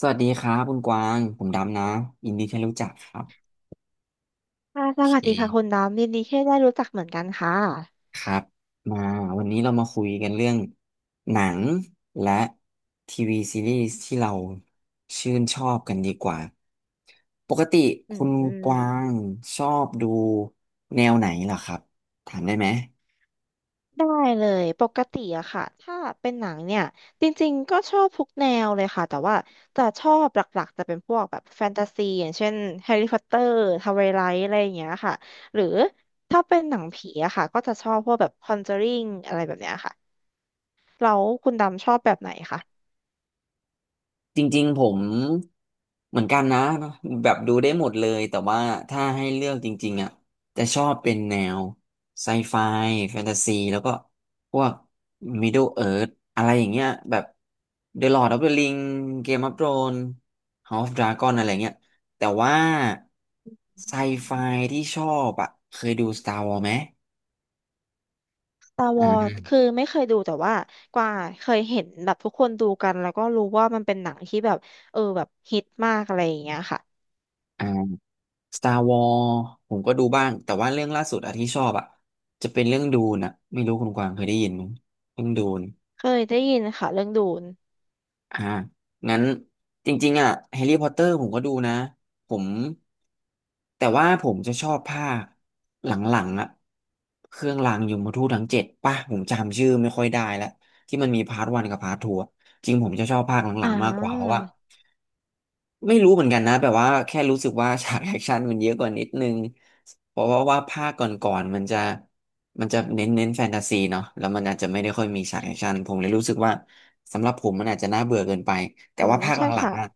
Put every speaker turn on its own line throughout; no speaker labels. สวัสดีครับคุณกวางผมดำนะยินดีที่รู้จักครับ
ค่ะ
โอ
ส
เค
วัสดีค่ะคุณดำยินดีที่ได้รู้จักเหมือนกันค่ะ
ครับมาวันนี้เรามาคุยกันเรื่องหนังและทีวีซีรีส์ที่เราชื่นชอบกันดีกว่าปกติ
อื
คุ
ม
ณ
อืม
กวางชอบดูแนวไหนเหรอครับถามได้ไหม
ได้เลยปกติอะค่ะถ้าเป็นหนังเนี่ยจริงๆก็ชอบทุกแนวเลยค่ะแต่ว่าจะชอบหลักๆจะเป็นพวกแบบแฟนตาซีอย่างเช่นแฮร์รี่พอตเตอร์ทาวไวไลท์อะไรอย่างเงี้ยค่ะหรือถ้าเป็นหนังผีอะค่ะก็จะชอบพวกแบบคอนเจอริงอะไรแบบเนี้ยค่ะแล้วคุณดำชอบแบบไหนคะ
จริงๆผมเหมือนกันนะแบบดูได้หมดเลยแต่ว่าถ้าให้เลือกจริงๆอ่ะจะชอบเป็นแนวไซไฟแฟนตาซีแล้วก็พวก Middle Earth อะไรอย่างเงี้ยแบบ The Lord of the Ring Game of Thrones House of Dragon อะไรเงี้ยแต่ว่าไซไฟที่ชอบอ่ะเคยดู Star Wars ไหม
ตาวอดคือ
อ
ไม่เคยดูแต่ว่ากว่าเคยเห็นแบบทุกคนดูกันแล้วก็รู้ว่ามันเป็นหนังที่แบบเออแบบฮิตมากอะไรอย่างเงี้ยค่ะ
่า Star Wars ผมก็ดูบ้าง แต่ว่าเรื่องล่าสุดอะที่ชอบอะจะเป็นเรื่องดูนอะไม่รู้คุณกวางเคยได้ยินไหมเรื่องดูน
เคยได้ยินค่ะเรื่องดูน
อ่างั้นจริงๆอะแฮร์รี่พอตเตอร์ผมก็ดูนะผมแต่ว่าผมจะชอบภาคหลังๆอะเครื่องรางยมทูตทั้งเจ็ดป่ะผมจำชื่อไม่ค่อยได้แล้วที่มันมีพาร์ทวันกับพาร์ททูจริงผมจะชอบภาคหลั
อ่
งๆมากกว่าเพราะ
า
ว่า ไม่รู้เหมือนกันนะแบบว่าแค่รู้สึกว่าฉากแอคชั่นมันเยอะกว่านิดนึงเพราะว่าภาคก่อนๆมันจะมันจะเน้นแฟนตาซีเนาะแล้วมันอาจจะไม่ได้ค่อยมีฉากแอคชั่นผมเลยรู้สึกว่าสำหรับผมมันอาจจะน่าเบื่อเกินไปแต่
อื
ว่า
ม
ภาคห
ใช่
ลัง
ค่ะ
ๆอ่ะ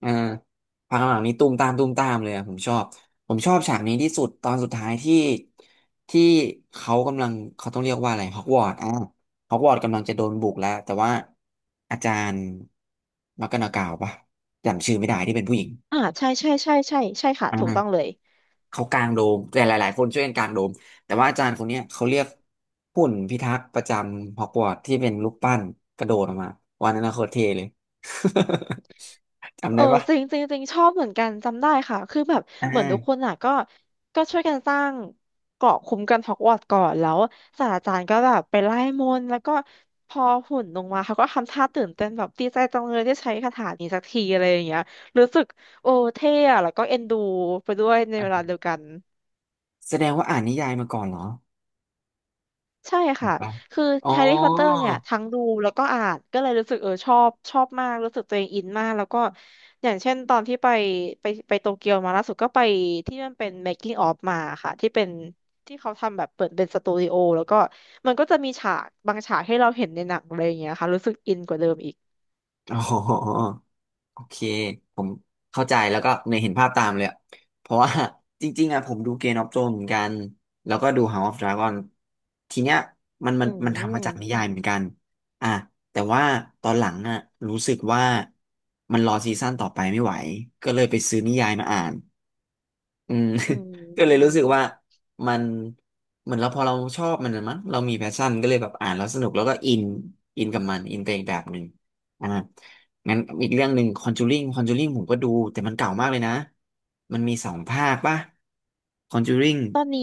เออภาคหลังๆนี้ตุ้มตามตุ้มตามเลยอะผมชอบฉากนี้ที่สุดตอนสุดท้ายที่ที่เขากำลังเขาต้องเรียกว่าอะไรฮอกวอตส์อ่ะฮอกวอตส์กำลังจะโดนบุกแล้วแต่ว่าอาจารย์มักกะนากาวปะ จำชื่อไม่ได้ที่เป็นผู้หญิง
อ่าใช่ใช่ใช่ใช่ใช่ค่ะถูกต้องเล
อ่า
ย
เขากางโดม แต่หลายๆคนช่วยกันกางโดม แต่ว่าอาจารย์คนเนี้ยเขาเรียกหุ่นพิทักษ์ประจำฮอกวอตส์ที่เป็นรูปปั้นกระโดดออกมาวันนั้นน่ะโคตรเท่เลย จำ
เอ
ได้
อ
ปะ
จริงจริงจริงชอบเหมือนกันจำได้ค่ะคือแบบ
อ่
เหมือนทุกคน
า
อ่ะก็ช่วยกันสร้างเกราะคุ้มกันฮอกวอตส์ก่อนแล้วศาสตราจารย์ก็แบบไปไล่มนต์แล้วก็พอหุ่นลงมาเขาก็ทำท่าตื่นเต้นแบบดีใจจังเลยได้ใช้คาถานี้สักทีอะไรอย่างเงี้ยรู้สึกโอ้เท่อะแล้วก็เอ็นดูไปด้วยในเวลาเดียวกัน
แสดงว่าอ่านนิยายมาก่อนเหรอ
ใช่
อ่าน
ค่ะ
ปะ
คือ
อ๋อ
แฮร์รี่พอตเตอร์เนี่ยทั้งดูแล้วก็อ่านก็เลยรู้สึกเออชอบมากรู้สึกตัวเองอินมากแล้วก็อย่างเช่นตอนที่ไปไปโตเกียวมาล่าสุดก็ไปที่มันเป็น making of มาค่ะที่เป็นที่เขาทำแบบเปิดเป็นสตูดิโอแล้วก็มันก็จะมีฉากบางฉากให้เราเห็นในหนังอะไรอย่างเงี้ยค่ะรู้สึกอินกว่าเดิมอีก
อ๋อ โอเคผมเข้าใจแล้วก็ในยเห็นภาพตามเลยอะเพราะว่า จริงๆอะผมดู Game of Thrones เหมือนกันแล้วก็ดู House of Dragon ทีเนี้ยมันมั
อื
นมันทำมาจากนิ
ม
ยายเหมือนกันอ่ะแต่ว่าตอนหลังอะรู้สึกว่ามันรอซีซั่นต่อไปไม่ไหวก็เลยไปซื้อนิยายมาอ่าน อืม
อื
ก็เลยรู้สึก
ม
ว่ามันเหมือนเราพอเราชอบมันนะมั้งเรามีแพชชั่นก็เลยแบบอ่านแล้วสนุกแล้วก็อินกับมันอินไปอีกแบบหนึ่งอ่างั้นอีกเรื่องหนึ่งคอนจูริงผมก็ดูแต่มันเก่ามากเลยนะมันมีสองภาคป่ะคอนจูริง
ตอนนี้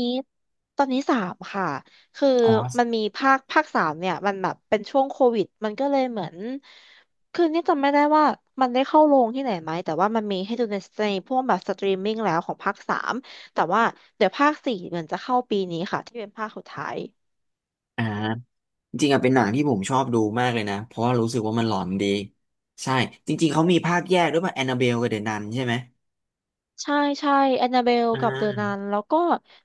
ตอนนี้สามค่ะคือ
ออส
มันมีภาคสามเนี่ยมันแบบเป็นช่วงโควิดมันก็เลยเหมือนคือนี่จำไม่ได้ว่ามันได้เข้าโรงที่ไหนไหมแต่ว่ามันมีให้ดูในพวกแบบสตรีมมิ่งแล้วของภาคสามแต่ว่าเดี๋ยวภาคสี่เหมือนจะเข้าปีนี้ค่ะที่เป็นภาคสุดท้าย
อ่าจริงๆอะเป็นหนังที่ผมชอบดูมากเลยนะเพราะว่ารู้สึกว่ามันหลอนดีใช่จริงๆเขามีภาคแยกด้วยป่ะแอนนาเบลกับเดอะนันใช่ไหม
ใช่ใช่แอนนาเบล
อ่
กับเดอะนัน
า
แล้วก็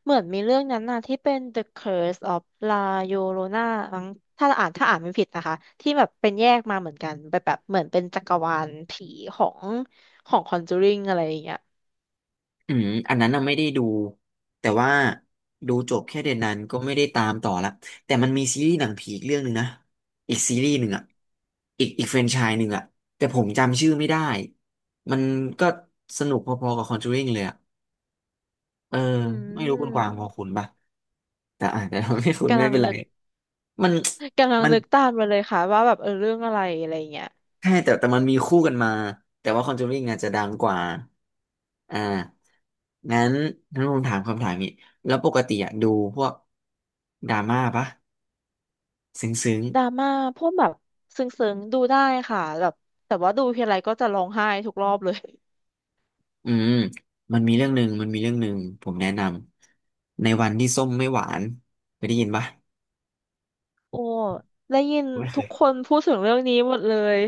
เหมือนมีเรื่องนั้นน่ะที่เป็น The Curse of La Llorona มั้งถ้าอ่านถ้าอ่านไม่ผิดนะคะที่แบบเป็นแยกมาเหมือนกันแบบแบบเหมือนเป็นจักรวาลผีของConjuring อะไรอย่างเงี้ย
อันนั้นน่ะไม่ได้ดูแต่ว่าดูจบแค่เดือนนั้นก็ไม่ได้ตามต่อละแต่มันมีซีรีส์หนังผีอีกเรื่องหนึ่งนะอีกซีรีส์หนึ่งอ่ะอีกแฟรนไชส์หนึ่งอ่ะแต่ผมจำชื่อไม่ได้มันก็สนุกพอๆกับ Conjuring เลยอ่ะเออ
อื
ไม่รู้คุณกวางพอ
ม
คุณปะแต่อาจจะแต่ เราไม่คุณ
กำ
ไม่
ลัง
เป็นไร
นึก
มัน
กำลัง
มัน
นึกตามมาเลยค่ะว่าแบบเออเรื่องอะไรอะไรอย่างเงี้ย
ใช่แต่มันมีคู่กันมาแต่ว่า Conjuring อาจจะดังกว่าอ่างั้นผมถามคำถามนี้แล้วปกติอะดูพวกดราม่าปะซึ้งซึ้ง
ดราม่าพวกแบบซึ้งๆดูได้ค่ะแบบแต่ว่าดูทีไรก็จะร้องไห้ทุกรอบเลย
อืมมันมีเรื่องหนึ่งมันมีเรื่องหนึ่งผมแนะนำในวันที่ส้มไม่หวานเคยได้ยินปะ
โอ้ ได้ยิน
ไม่เค
ทุก
ย
คนพูดถึงเรื่องนี้หมดเลย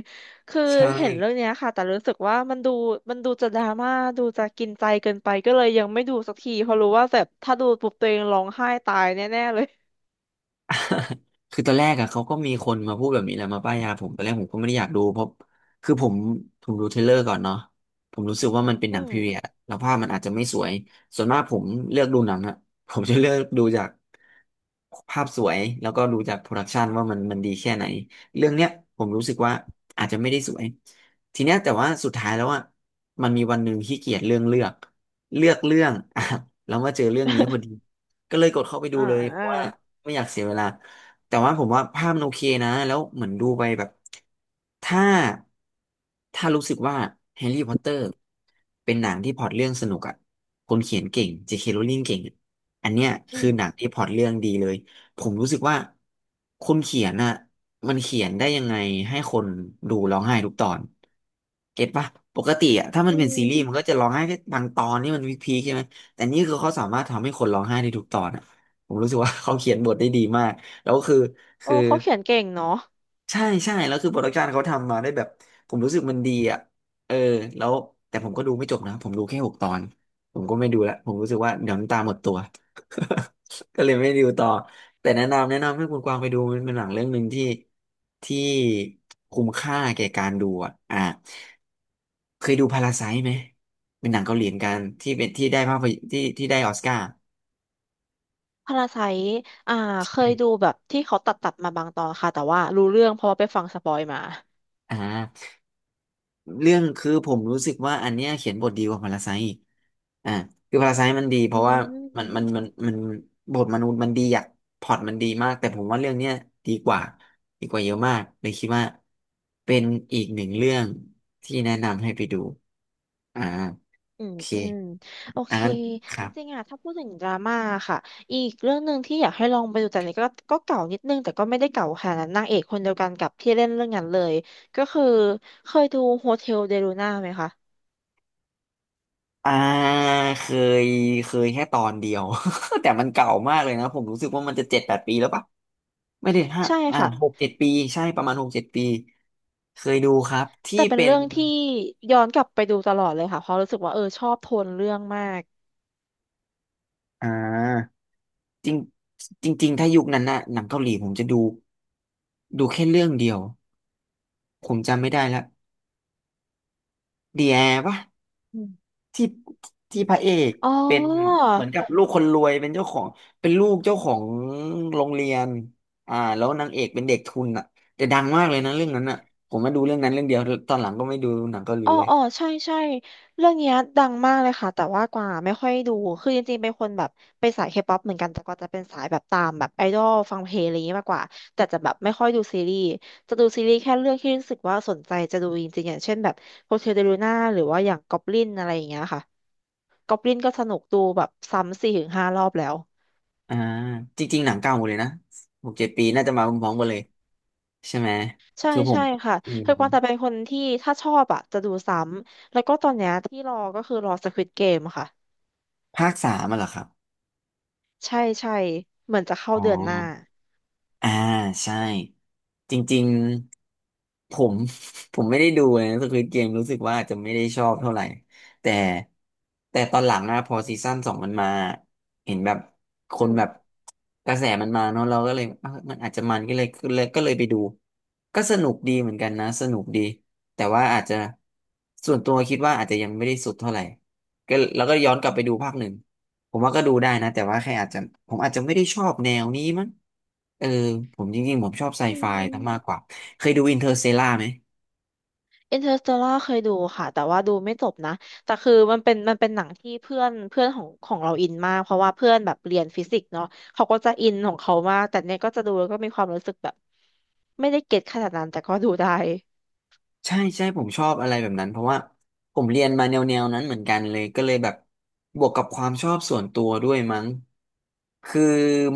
คือ
ใช่
เห็นเรื่องเนี้ยค่ะ แต่รู้สึกว่ามันดูมันดูจะดราม่าดูจะกินใจเกินไปก็เลยยังไม่ดูสักทีเพราะรู้ว่าแบบถ้าดูปุ๊บตัวเองร้องไห้ตายแน่ๆเลย
คือตอนแรกอะเขาก็มีคนมาพูดแบบนี้แหละมาป้ายยาผมตอนแรกผมก็ไม่ได้อยากดูเพราะคือผมดูเทรลเลอร์ก่อนเนาะผมรู้สึกว่ามันเป็นห
อื
นัง
ม
พีเรียดแล้วภาพมันอาจจะไม่สวยส่วนมากผมเลือกดูหนังอะ ผมจะเลือกดูจากภาพสวยแล้วก็ดูจากโปรดักชันว่ามันดีแค่ไหนเรื่องเนี้ยผมรู้สึกว่าอาจจะไม่ได้สวยทีเนี้ยแต่ว่าสุดท้ายแล้วอะมันมีวันหนึ่งขี้เกียจเรื่องเลือกเรื่อง อ่ะแล้วมาเจอเรื่องนี้พอดี ก็เลยกดเข้าไปดู
อ่
เลยเพราะว่า
า
ไม่อยากเสียเวลาแต่ว่าผมว่าภาพมันโอเคนะแล้วเหมือนดูไปแบบถ้าถ้ารู้สึกว่าแฮร์รี่พอตเตอร์เป็นหนังที่พล็อตเรื่องสนุกอ่ะคนเขียนเก่ง J.K. Rowling เก่งอะอันเนี้ย
อื
คือห
ม
นังที่พล็อตเรื่องดีเลยผมรู้สึกว่าคนเขียนอ่ะมันเขียนได้ยังไงให้คนดูร้องไห้ทุกตอนเก็ตปะปกติอ่ะถ้ามัน
อื
เป็นซีรีส์มั
ม
นก็จะร้องไห้แค่บางตอนนี่มันวิกพีคใช่ไหม แต่นี่คือเขาสามารถทำให้คนร้องไห้ได้ทุกตอนอ่ะผมรู้สึกว่า เขาเขียนบทได้ดีมากแล้วคือ
โอ้
คือ
เขาเขียนเก่งเนาะ
ใช่ใช่แล้วคือโปรดักชันเขาทำมาได้แบบผมรู้สึกมันดีอ่ะเออแล้วแต่ผมก็ดูไม่จบนะผมดูแค่6 ตอนผมก็ไม่ดูละผมรู้สึกว่าเดี๋ยวน้ำตาหมดตัว ก็เลยไม่ดูต่อแต่แนะนำให้คุณกวางไปดูมันเป็นหนังเรื่องหนึ่งที่ที่คุ้มค่าแก่การดูอ่ะอ่ะเคยดูพาราไซ์ไหมเป็นหนังเกาหลีเหมือนกันที่เป็นที่ได้ภาพยที่ได้ออสการ์
พาราไซอ่า เคยดูแบบที่เขาตัดตัดมาบางตอนค่ะ แต่ว่ารู้เรื่องเพราะว่าไปฟังสปอยมา
อ่าเรื่องคือผมรู้สึกว่าอันเนี้ยเขียนบทดีกว่าพาราไซต์อีกอ่าคือพาราไซต์มันดีเพ
อื
ราะว่ามันมัน
ม
มันมันบทมนุษย์มันดีอะพล็อตมันดีมากแต่ผมว่าเรื่องเนี้ยดีกว่าดีกว่าเยอะมากเลยคิดว่าเป็นอีกหนึ่งเรื่องที่แนะนำให้ไปดูอ่า
อื
โอ
ม
เค
อืมโอเค
อ่านค
จ
รับ
ริงๆอะถ้าพูดถึงดราม่าค่ะอีกเรื่องหนึ่งที่อยากให้ลองไปดูแต่นี่ก็เก่านิดนึงแต่ก็ไม่ได้เก่าขนาดนั้นนางเอกคนเดียวกันกับที่เล่นเรื่องนั้นเลยก็คือเคยดูโฮเทลเดลูน่าไหมคะ
อ่าเคยเคยแค่ตอนเดียว แต่มันเก่ามากเลยนะผมรู้สึกว่ามันจะ7-8 ปีแล้วปะ ไม่ได้5
ใช่
อ่า
ค่ะ
หกเจ็ดปีใช่ประมาณหกเจ็ดปีเคยดูครับที่
แต่เป็น
เป็น
เรื่องที่ย้อนกลับไปดูตลอดเลยค่ะเพราะรู้สึกว่าเออชอบโทนเรื่องมาก
อ่าจริงจริงๆถ้ายุคนั้นน่ะหนังเกาหลีผมจะดูดูแค่เรื่องเดียวผมจำไม่ได้ละเดียปะ
อืม
ที่พระเอก
อ๋
เป็น
อ
เหมือนกับลูกคนรวยเป็นเจ้าของเป็นลูกเจ้าของโรงเรียนอ่าแล้วนางเอกเป็นเด็กทุนอ่ะแต่ดังมากเลยนะเรื่องนั้นอ่ะผมมาดูเรื่องนั้นเรื่องเดียวตอนหลังก็ไม่ดูหนังเกาหลี
อ๋อ
เลย
อ๋อใช่ใช่เรื่องเนี้ยดังมากเลยค่ะ แต่ว่ากว่าไม่ค่อยดู คือจริงๆเป็นคนแบบเป็นสายเคป๊อปเหมือนกันแต่กว่าจะเป็นสายแบบตามแบบไอดอลฟังเพลงอะไรอย่างงี้มากกว่า แต่จะแบบไม่ค่อยดูซีรีส์จะดูซีรีส์แค่เรื่องที่รู้สึกว่าสนใจจะดูจริงๆอย่างเช่นแบบโฮเทลเดลูน่าหรือว่าอย่างก็อบลินอะไรอย่างเงี้ยค่ะก็อบลินก็สนุกดูแบบซ้ำสี่ถึงห้ารอบแล้ว
อ่าจริงๆหนังเก่าหมดเลยนะหกเจ็ดปีน่าจะมาพร้อมๆกันเลยใช่ไหม
ใช่
คือผม
ใช่ค่ะ
อืม
คือกวางแต่เป็นคนที่ถ้าชอบอ่ะจะดูซ้ำเพราะตอนเนี้ยที่รอก็คือรอ Squid Game ค่ะ
ภาคสามอะเหรอครับอ๋
ใช่ใช่เหมือนจะเข้า
อ
เดือนหน้า
อ่าใช่จริงๆผม ผมไม่ได้ดูนะสควิดเกมรู้สึกว่าอาจจะไม่ได้ชอบเท่าไหร่แต่แต่ตอนหลังอะพอซีซั่นสองมันมาเห็นแบบค
อื
น
ม
แบบกระแสมันมาเนอะเราก็เลยเอ้ามันอาจจะมันก็เลยไปดูก็สนุกดีเหมือนกันนะสนุกดีแต่ว่าอาจจะส่วนตัวคิดว่าอาจจะยังไม่ได้สุดเท่าไหร่ก็แล้วก็ย้อนกลับไปดูภาคหนึ่ง ผมว่าก็ดูได้นะแต่ว่าแค่อาจจะผมอาจจะไม่ได้ชอบแนวนี้มั้งเออผมจริงๆผมชอบไซ
อื
ไฟซะมาก
ม
กว่าเคยดูอินเตอร์ l เ a ล่าไหม
อินเตอร์สเตลล่าเคยดูค่ะแต่ว่าดูไม่จบนะแต่คือมันเป็นหนังที่เพื่อนเพื่อนของเราอินมากเพราะว่าเพื่อนแบบเรียนฟิสิกส์เนาะเขาก็จะอินของเขามากแต่เนี่ยก็จะดูแล้วก็มีความรู้สึกแบบไม่ได้เก็ตขนาดนั้นแต่ก็ดูได้
ใช่ใช่ผมชอบอะไรแบบนั้นเพราะว่าผมเรียนมาแนวนั้นเหมือนกันเลยก็เลยแบบบวกกับความชอบส่วนตัวด้วยมั้งคือ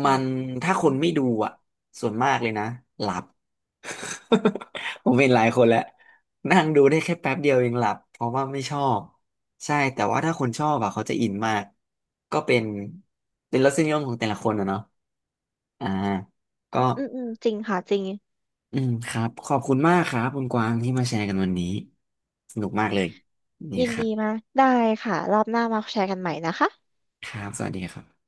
อื
มั
ม
น
อื
ถ้าค
ม
นไม่ดูอ่ะส่วนมากเลยนะหลับ ผมเห็นหลายคนแล้วนั่งดูได้แค่แป๊บเดียวเองหลับเพราะว่าไม่ชอบใช่แต่ว่าถ้าคนชอบอ่ะเขาจะอินมากก็เป็นเป็นรสนิยมของแต่ละคนอะเนาะอ่าก็
อืมอืมจริงค่ะจริง
อืมครับขอบคุณมากครับคุณกวางที่มาแชร์กันวันนี้สนุกมากเลยนี่
ยิน
ครั
ดี
บ
มากได้ค่ะรอบหน้ามาแชร์กันใหม่นะคะ
ครับสวัสดีครับ